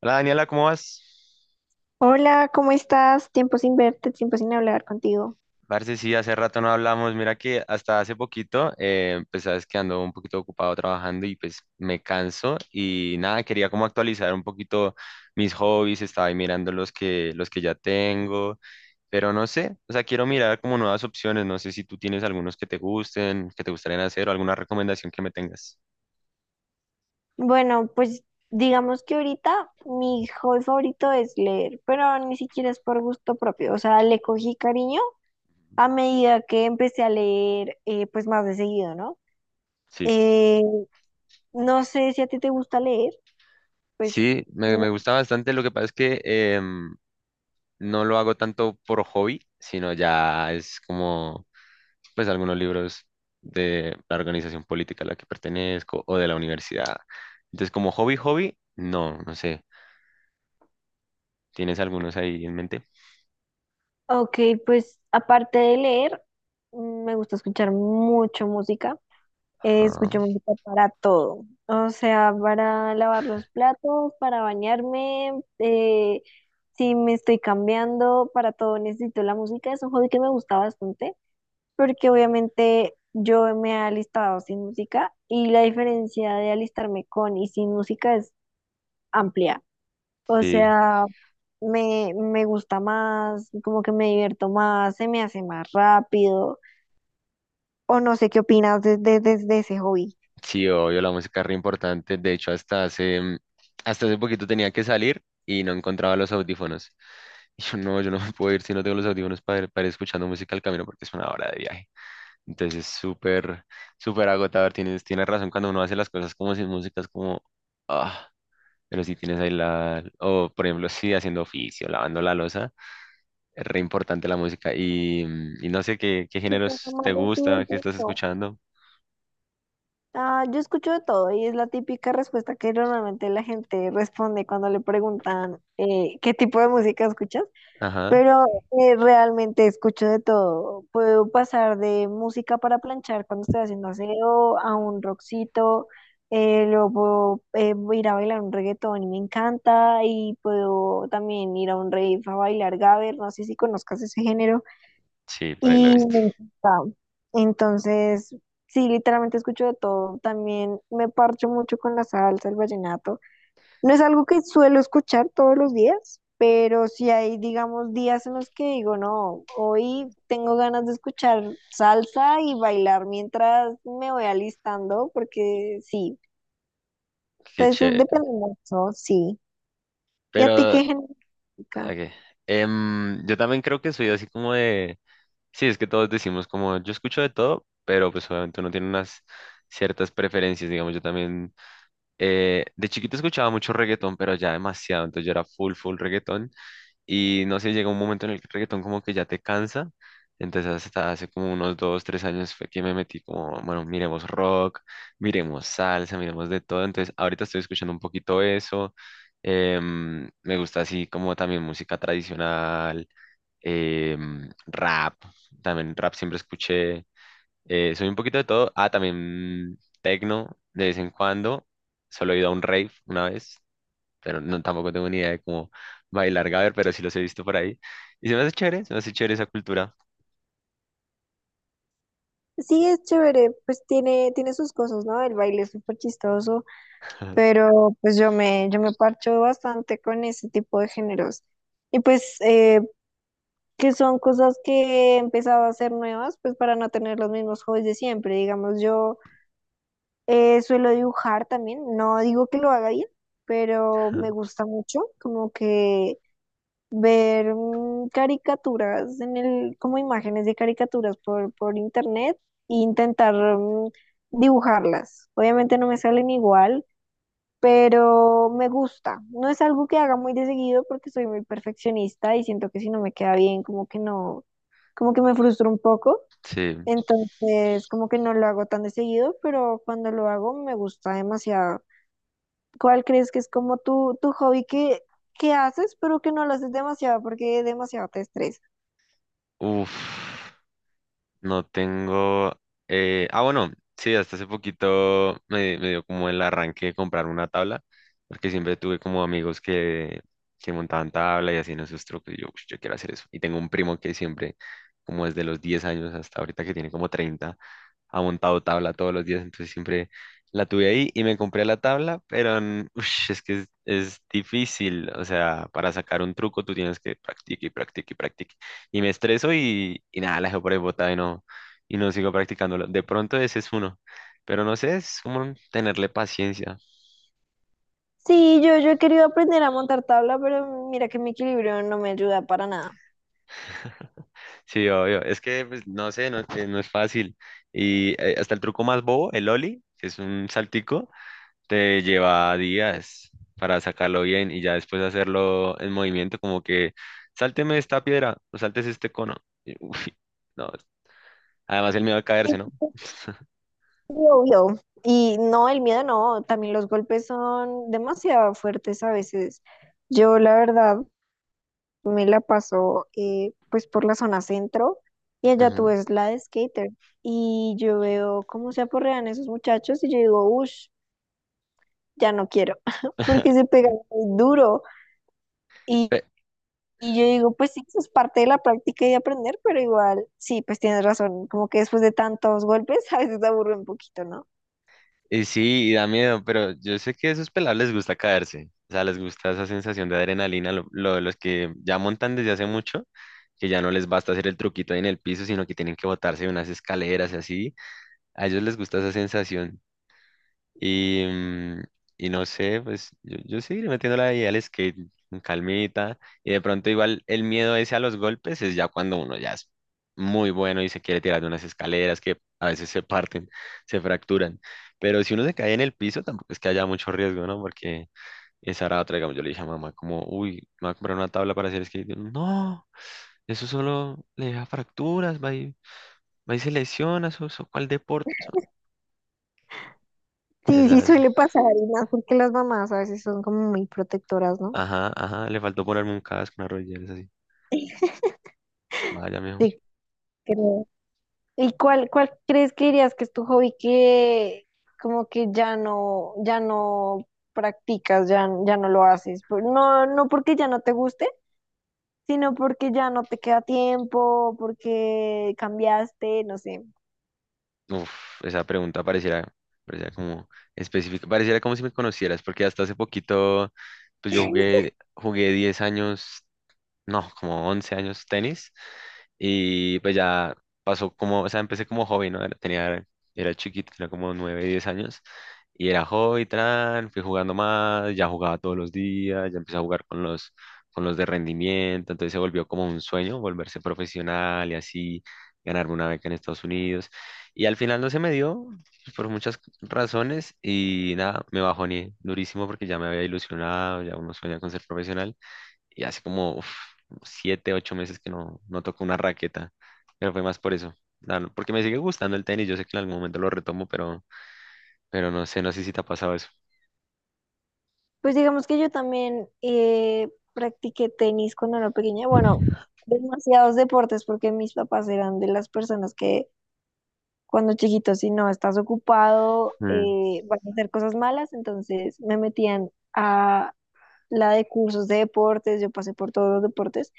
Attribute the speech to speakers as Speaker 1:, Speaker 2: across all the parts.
Speaker 1: Hola Daniela, ¿cómo vas?
Speaker 2: Hola, ¿cómo estás? Tiempo sin verte, tiempo sin hablar contigo.
Speaker 1: Parce, sí, hace rato no hablamos. Mira que hasta hace poquito, pues sabes que ando un poquito ocupado trabajando y pues me canso y nada, quería como actualizar un poquito mis hobbies, estaba ahí mirando los que ya tengo, pero no sé, o sea, quiero mirar como nuevas opciones, no sé si tú tienes algunos que te gusten, que te gustarían hacer o alguna recomendación que me tengas.
Speaker 2: Bueno, pues digamos que ahorita mi hobby favorito es leer, pero ni siquiera es por gusto propio, o sea, le cogí cariño a medida que empecé a leer, pues más de seguido, ¿no?
Speaker 1: Sí.
Speaker 2: Eh, no sé si a ti te gusta leer, pues...
Speaker 1: Sí, me
Speaker 2: no.
Speaker 1: gusta bastante. Lo que pasa es que no lo hago tanto por hobby, sino ya es como pues algunos libros de la organización política a la que pertenezco o de la universidad. Entonces, como hobby, hobby, no, no sé. ¿Tienes algunos ahí en mente?
Speaker 2: Ok, pues aparte de leer, mm, me gusta escuchar mucho música.
Speaker 1: Ajá.
Speaker 2: Escucho música para todo, o sea, para lavar los platos, para bañarme, si me estoy cambiando, para todo necesito la música. Es un hobby que me gusta bastante porque obviamente yo me he alistado sin música y la diferencia de alistarme con y sin música es amplia. O
Speaker 1: Sí,
Speaker 2: sea, me gusta más, como que me divierto más, se me hace más rápido, o no sé qué opinas de ese hobby.
Speaker 1: sí, obvio, la música es re importante. De hecho, hasta hasta hace poquito tenía que salir y no encontraba los audífonos. Y yo no me puedo ir si no tengo los audífonos para ir escuchando música al camino porque es una hora de viaje. Entonces es súper, súper agotador. Tienes razón, cuando uno hace las cosas como sin música es como, ah, pero si tienes ahí la, o por ejemplo, si haciendo oficio, lavando la loza, es re importante la música. Y no sé qué
Speaker 2: Se pasa
Speaker 1: géneros
Speaker 2: más
Speaker 1: te
Speaker 2: rápido
Speaker 1: gusta,
Speaker 2: el
Speaker 1: qué estás
Speaker 2: tiempo.
Speaker 1: escuchando.
Speaker 2: Ah, yo escucho de todo y es la típica respuesta que normalmente la gente responde cuando le preguntan qué tipo de música escuchas,
Speaker 1: Ajá,
Speaker 2: pero realmente escucho de todo. Puedo pasar de música para planchar cuando estoy haciendo aseo a un rockcito, luego ir a bailar un reggaetón y me encanta y puedo también ir a un rave a bailar gabber, no sé si conozcas ese género.
Speaker 1: sí, por ahí lo he
Speaker 2: Y
Speaker 1: visto.
Speaker 2: me encanta. Entonces, sí, literalmente escucho de todo. También me parcho mucho con la salsa, el vallenato. No es algo que suelo escuchar todos los días, pero si hay, digamos, días en los que digo, no, hoy tengo ganas de escuchar salsa y bailar mientras me voy alistando, porque sí.
Speaker 1: Qué
Speaker 2: Entonces,
Speaker 1: chévere.
Speaker 2: depende mucho, sí. ¿Y a ti
Speaker 1: Pero,
Speaker 2: qué género de música?
Speaker 1: ok, yo también creo que soy así como de, sí, es que todos decimos como, yo escucho de todo, pero pues obviamente uno tiene unas ciertas preferencias, digamos, yo también, de chiquito escuchaba mucho reggaetón, pero ya demasiado, entonces yo era full, full reggaetón. Y no sé, llega un momento en el que el reggaetón como que ya te cansa. Entonces hasta hace como unos 2, 3 años fue que me metí como, bueno, miremos rock, miremos salsa, miremos de todo. Entonces ahorita estoy escuchando un poquito eso. Me gusta así como también música tradicional, rap, también rap siempre escuché. Soy un poquito de todo. Ah, también tecno de vez en cuando. Solo he ido a un rave una vez, pero no, tampoco tengo ni idea de cómo bailar gaber, pero sí los he visto por ahí. Y se me hace chévere, se me hace chévere esa cultura.
Speaker 2: Sí, es chévere, pues tiene, tiene sus cosas, ¿no? El baile es súper chistoso. Pero pues yo me parcho bastante con ese tipo de géneros. Y pues que son cosas que he empezado a hacer nuevas, pues para no tener los mismos hobbies de siempre. Digamos, yo suelo dibujar también, no digo que lo haga bien, pero me gusta mucho como que ver caricaturas en el, como imágenes de caricaturas por internet e intentar dibujarlas. Obviamente no me salen igual, pero me gusta. No es algo que haga muy de seguido porque soy muy perfeccionista y siento que si no me queda bien, como que no, como que me frustro un poco.
Speaker 1: Sí.
Speaker 2: Entonces, como que no lo hago tan de seguido, pero cuando lo hago me gusta demasiado. ¿Cuál crees que es como tu hobby que haces, pero que no lo haces demasiado porque demasiado te estresa?
Speaker 1: Uf. No tengo. Bueno, sí, hasta hace poquito me dio como el arranque de comprar una tabla, porque siempre tuve como amigos que montaban tabla y hacían esos trucos. Y yo, "Ush, yo quiero hacer eso". Y tengo un primo que siempre, como desde los 10 años hasta ahorita que tiene como 30, ha montado tabla todos los días. Entonces siempre la tuve ahí y me compré la tabla, pero ush, es que es difícil. O sea, para sacar un truco tú tienes que practicar y practicar y practicar y me estreso y nada, la dejo por ahí botada y y no sigo practicándolo. De pronto ese es uno, pero no sé, es como tenerle paciencia.
Speaker 2: Sí, yo he querido aprender a montar tabla, pero mira que mi equilibrio no me ayuda para nada.
Speaker 1: Sí, obvio, es que pues, no sé, no, no es fácil. Y hasta el truco más bobo, el ollie, que es un saltico, te lleva días para sacarlo bien y ya después hacerlo en movimiento, como que sálteme esta piedra o saltes este cono. Y, uf, no, además el miedo a caerse, ¿no?
Speaker 2: Sí, obvio. Y no, el miedo no, también los golpes son demasiado fuertes a veces. Yo la verdad me la paso pues por la zona centro y allá tú
Speaker 1: Ujú.
Speaker 2: ves la de skater y yo veo cómo se aporrean esos muchachos y yo digo, uff, ya no quiero, porque se pegan muy duro. Y, y yo digo, pues sí, eso es parte de la práctica y de aprender, pero igual, sí, pues tienes razón, como que después de tantos golpes a veces aburre un poquito, ¿no?
Speaker 1: Y sí, y da miedo, pero yo sé que a esos pelados les gusta caerse. O sea, les gusta esa sensación de adrenalina, lo de los que ya montan desde hace mucho, que ya no les basta hacer el truquito ahí en el piso, sino que tienen que botarse de unas escaleras y así. A ellos les gusta esa sensación. Y, mm, y no sé, pues yo seguiré metiéndola ahí al skate con calmita. Y de pronto igual el miedo ese a los golpes es ya cuando uno ya es muy bueno y se quiere tirar de unas escaleras que a veces se parten, se fracturan. Pero si uno se cae en el piso, tampoco es que haya mucho riesgo, ¿no? Porque esa era otra, digamos, yo le dije a mamá como, uy, me voy a comprar una tabla para hacer skate. Y yo, no, eso solo le deja fracturas, va y se lesiona, eso, ¿cuál deporte? Eso, no.
Speaker 2: Sí, sí
Speaker 1: Esa es.
Speaker 2: suele pasar, y más porque las mamás a veces son como muy protectoras, ¿no?
Speaker 1: Ajá, ajá, le faltó ponerme un casco, una rodillera, es así. Vaya, mijo.
Speaker 2: Sí. Pero, ¿y cuál crees que dirías que es tu hobby que como que ya no practicas, ya no lo haces? No, no porque ya no te guste, sino porque ya no te queda tiempo, porque cambiaste, no sé.
Speaker 1: Uf, esa pregunta pareciera como específica, pareciera como si me conocieras, porque hasta hace poquito, pues yo jugué 10 años no, como 11 años tenis. Y pues ya pasó como, o sea, empecé como hobby, ¿no? Era, tenía, era chiquito, tenía como 9, 10 años. Y era hobby, fui jugando más, ya jugaba todos los días, ya empecé a jugar con con los de rendimiento. Entonces se volvió como un sueño volverse profesional y así ganarme una beca en Estados Unidos. Y al final no se me dio pues, por muchas razones y nada, me bajoné durísimo porque ya me había ilusionado, ya uno sueña con ser profesional y hace como uf, 7, 8 meses que no toco una raqueta, pero fue más por eso, porque me sigue gustando el tenis, yo sé que en algún momento lo retomo, pero no sé, si te ha pasado eso.
Speaker 2: Pues digamos que yo también practiqué tenis cuando era pequeña. Bueno, demasiados deportes porque mis papás eran de las personas que cuando chiquito, si no estás ocupado,
Speaker 1: Mm,
Speaker 2: vas a hacer cosas malas, entonces me metían a la de cursos de deportes, yo pasé por todos los deportes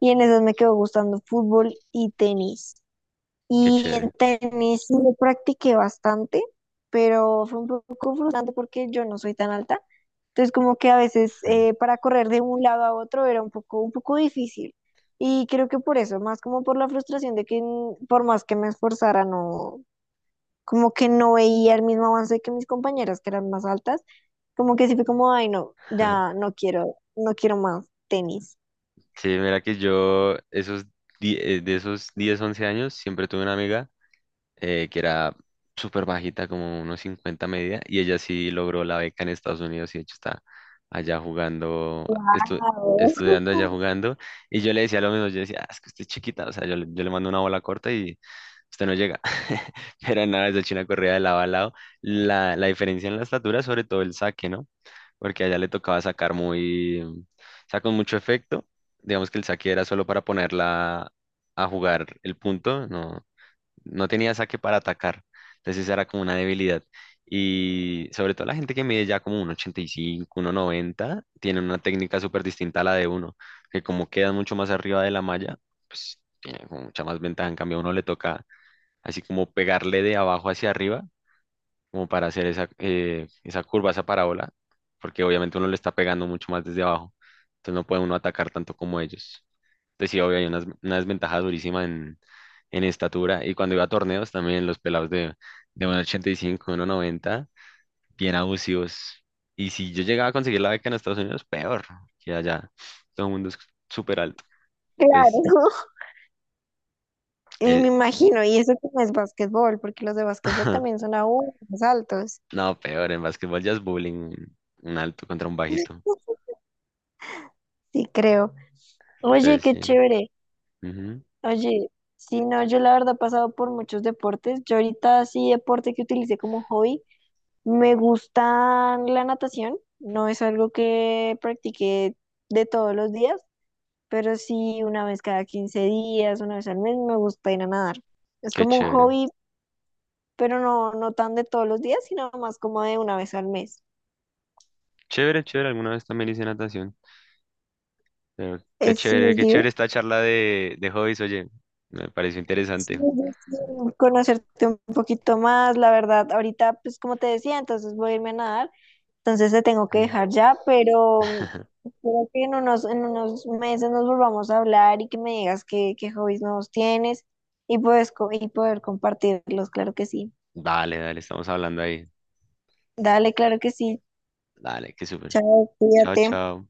Speaker 2: y en esas me quedó gustando fútbol y tenis.
Speaker 1: qué
Speaker 2: Y en
Speaker 1: chévere.
Speaker 2: tenis sí lo practiqué bastante, pero fue un poco frustrante porque yo no soy tan alta, entonces como que a veces
Speaker 1: Mm.
Speaker 2: para correr de un lado a otro era un poco difícil. Y creo que por eso, más como por la frustración de que por más que me esforzara, no, como que no veía el mismo avance que mis compañeras que eran más altas, como que sí fue como, ay, no, ya no quiero, no quiero más tenis.
Speaker 1: Sí, mira que yo de esos 10, 11 años siempre tuve una amiga que era súper bajita, como unos 50 media, y ella sí logró la beca en Estados Unidos y de hecho está allá jugando, estu-
Speaker 2: Wow.
Speaker 1: estudiando allá jugando, y yo le decía lo mismo, yo decía, "Ah, es que usted es chiquita, o sea, yo le mando una bola corta y usted no llega". Pero nada, esa china corría de lado a lado, la diferencia en la estatura, sobre todo el saque, ¿no? Porque allá le tocaba sacar muy, o sea, con mucho efecto, digamos que el saque era solo para ponerla a jugar el punto, no tenía saque para atacar. Entonces esa era como una debilidad. Y sobre todo la gente que mide ya como 1,85, 1,90 tiene una técnica súper distinta a la de uno, que como queda mucho más arriba de la malla, pues tiene como mucha más ventaja. En cambio, a uno le toca así como pegarle de abajo hacia arriba como para hacer esa, esa curva, esa parábola, porque obviamente uno le está pegando mucho más desde abajo, entonces no puede uno atacar tanto como ellos. Entonces sí, obvio, hay una, desventaja durísima en estatura, y cuando iba a torneos también los pelados de 1,85, 1,90 bien abusivos. Y si yo llegaba a conseguir la beca en Estados Unidos, peor, que allá todo el mundo es súper alto.
Speaker 2: Claro.
Speaker 1: Entonces,
Speaker 2: Y me
Speaker 1: eh,
Speaker 2: imagino, y eso que no es básquetbol, porque los de básquetbol también son aún más altos.
Speaker 1: no, peor, en básquetbol ya es bullying, un alto contra un bajito.
Speaker 2: Sí, creo. Oye,
Speaker 1: Entonces,
Speaker 2: qué
Speaker 1: sí.
Speaker 2: chévere.
Speaker 1: Ujú,
Speaker 2: Oye, sí, no, yo la verdad he pasado por muchos deportes. Yo ahorita sí deporte que utilicé como hobby me gusta la natación, no es algo que practique de todos los días, pero sí una vez cada 15 días, una vez al mes, me gusta ir a nadar. Es
Speaker 1: qué
Speaker 2: como un
Speaker 1: chévere.
Speaker 2: hobby, pero no, no tan de todos los días, sino más como de una vez al mes.
Speaker 1: Chévere, chévere, alguna vez también hice natación. Pero
Speaker 2: Eh, sí, es
Speaker 1: qué
Speaker 2: div-
Speaker 1: chévere esta charla de hobbies, oye. Me pareció
Speaker 2: sí,
Speaker 1: interesante.
Speaker 2: es divertido conocerte un poquito más, la verdad, ahorita, pues como te decía, entonces voy a irme a nadar. Entonces te tengo que
Speaker 1: Mm.
Speaker 2: dejar ya, pero mm, espero que en unos meses nos volvamos a hablar y que me digas qué hobbies nuevos tienes y, y poder compartirlos, claro que sí.
Speaker 1: Dale, dale, estamos hablando ahí.
Speaker 2: Dale, claro que sí.
Speaker 1: Dale, qué súper.
Speaker 2: Chao,
Speaker 1: Chao,
Speaker 2: cuídate.
Speaker 1: chao.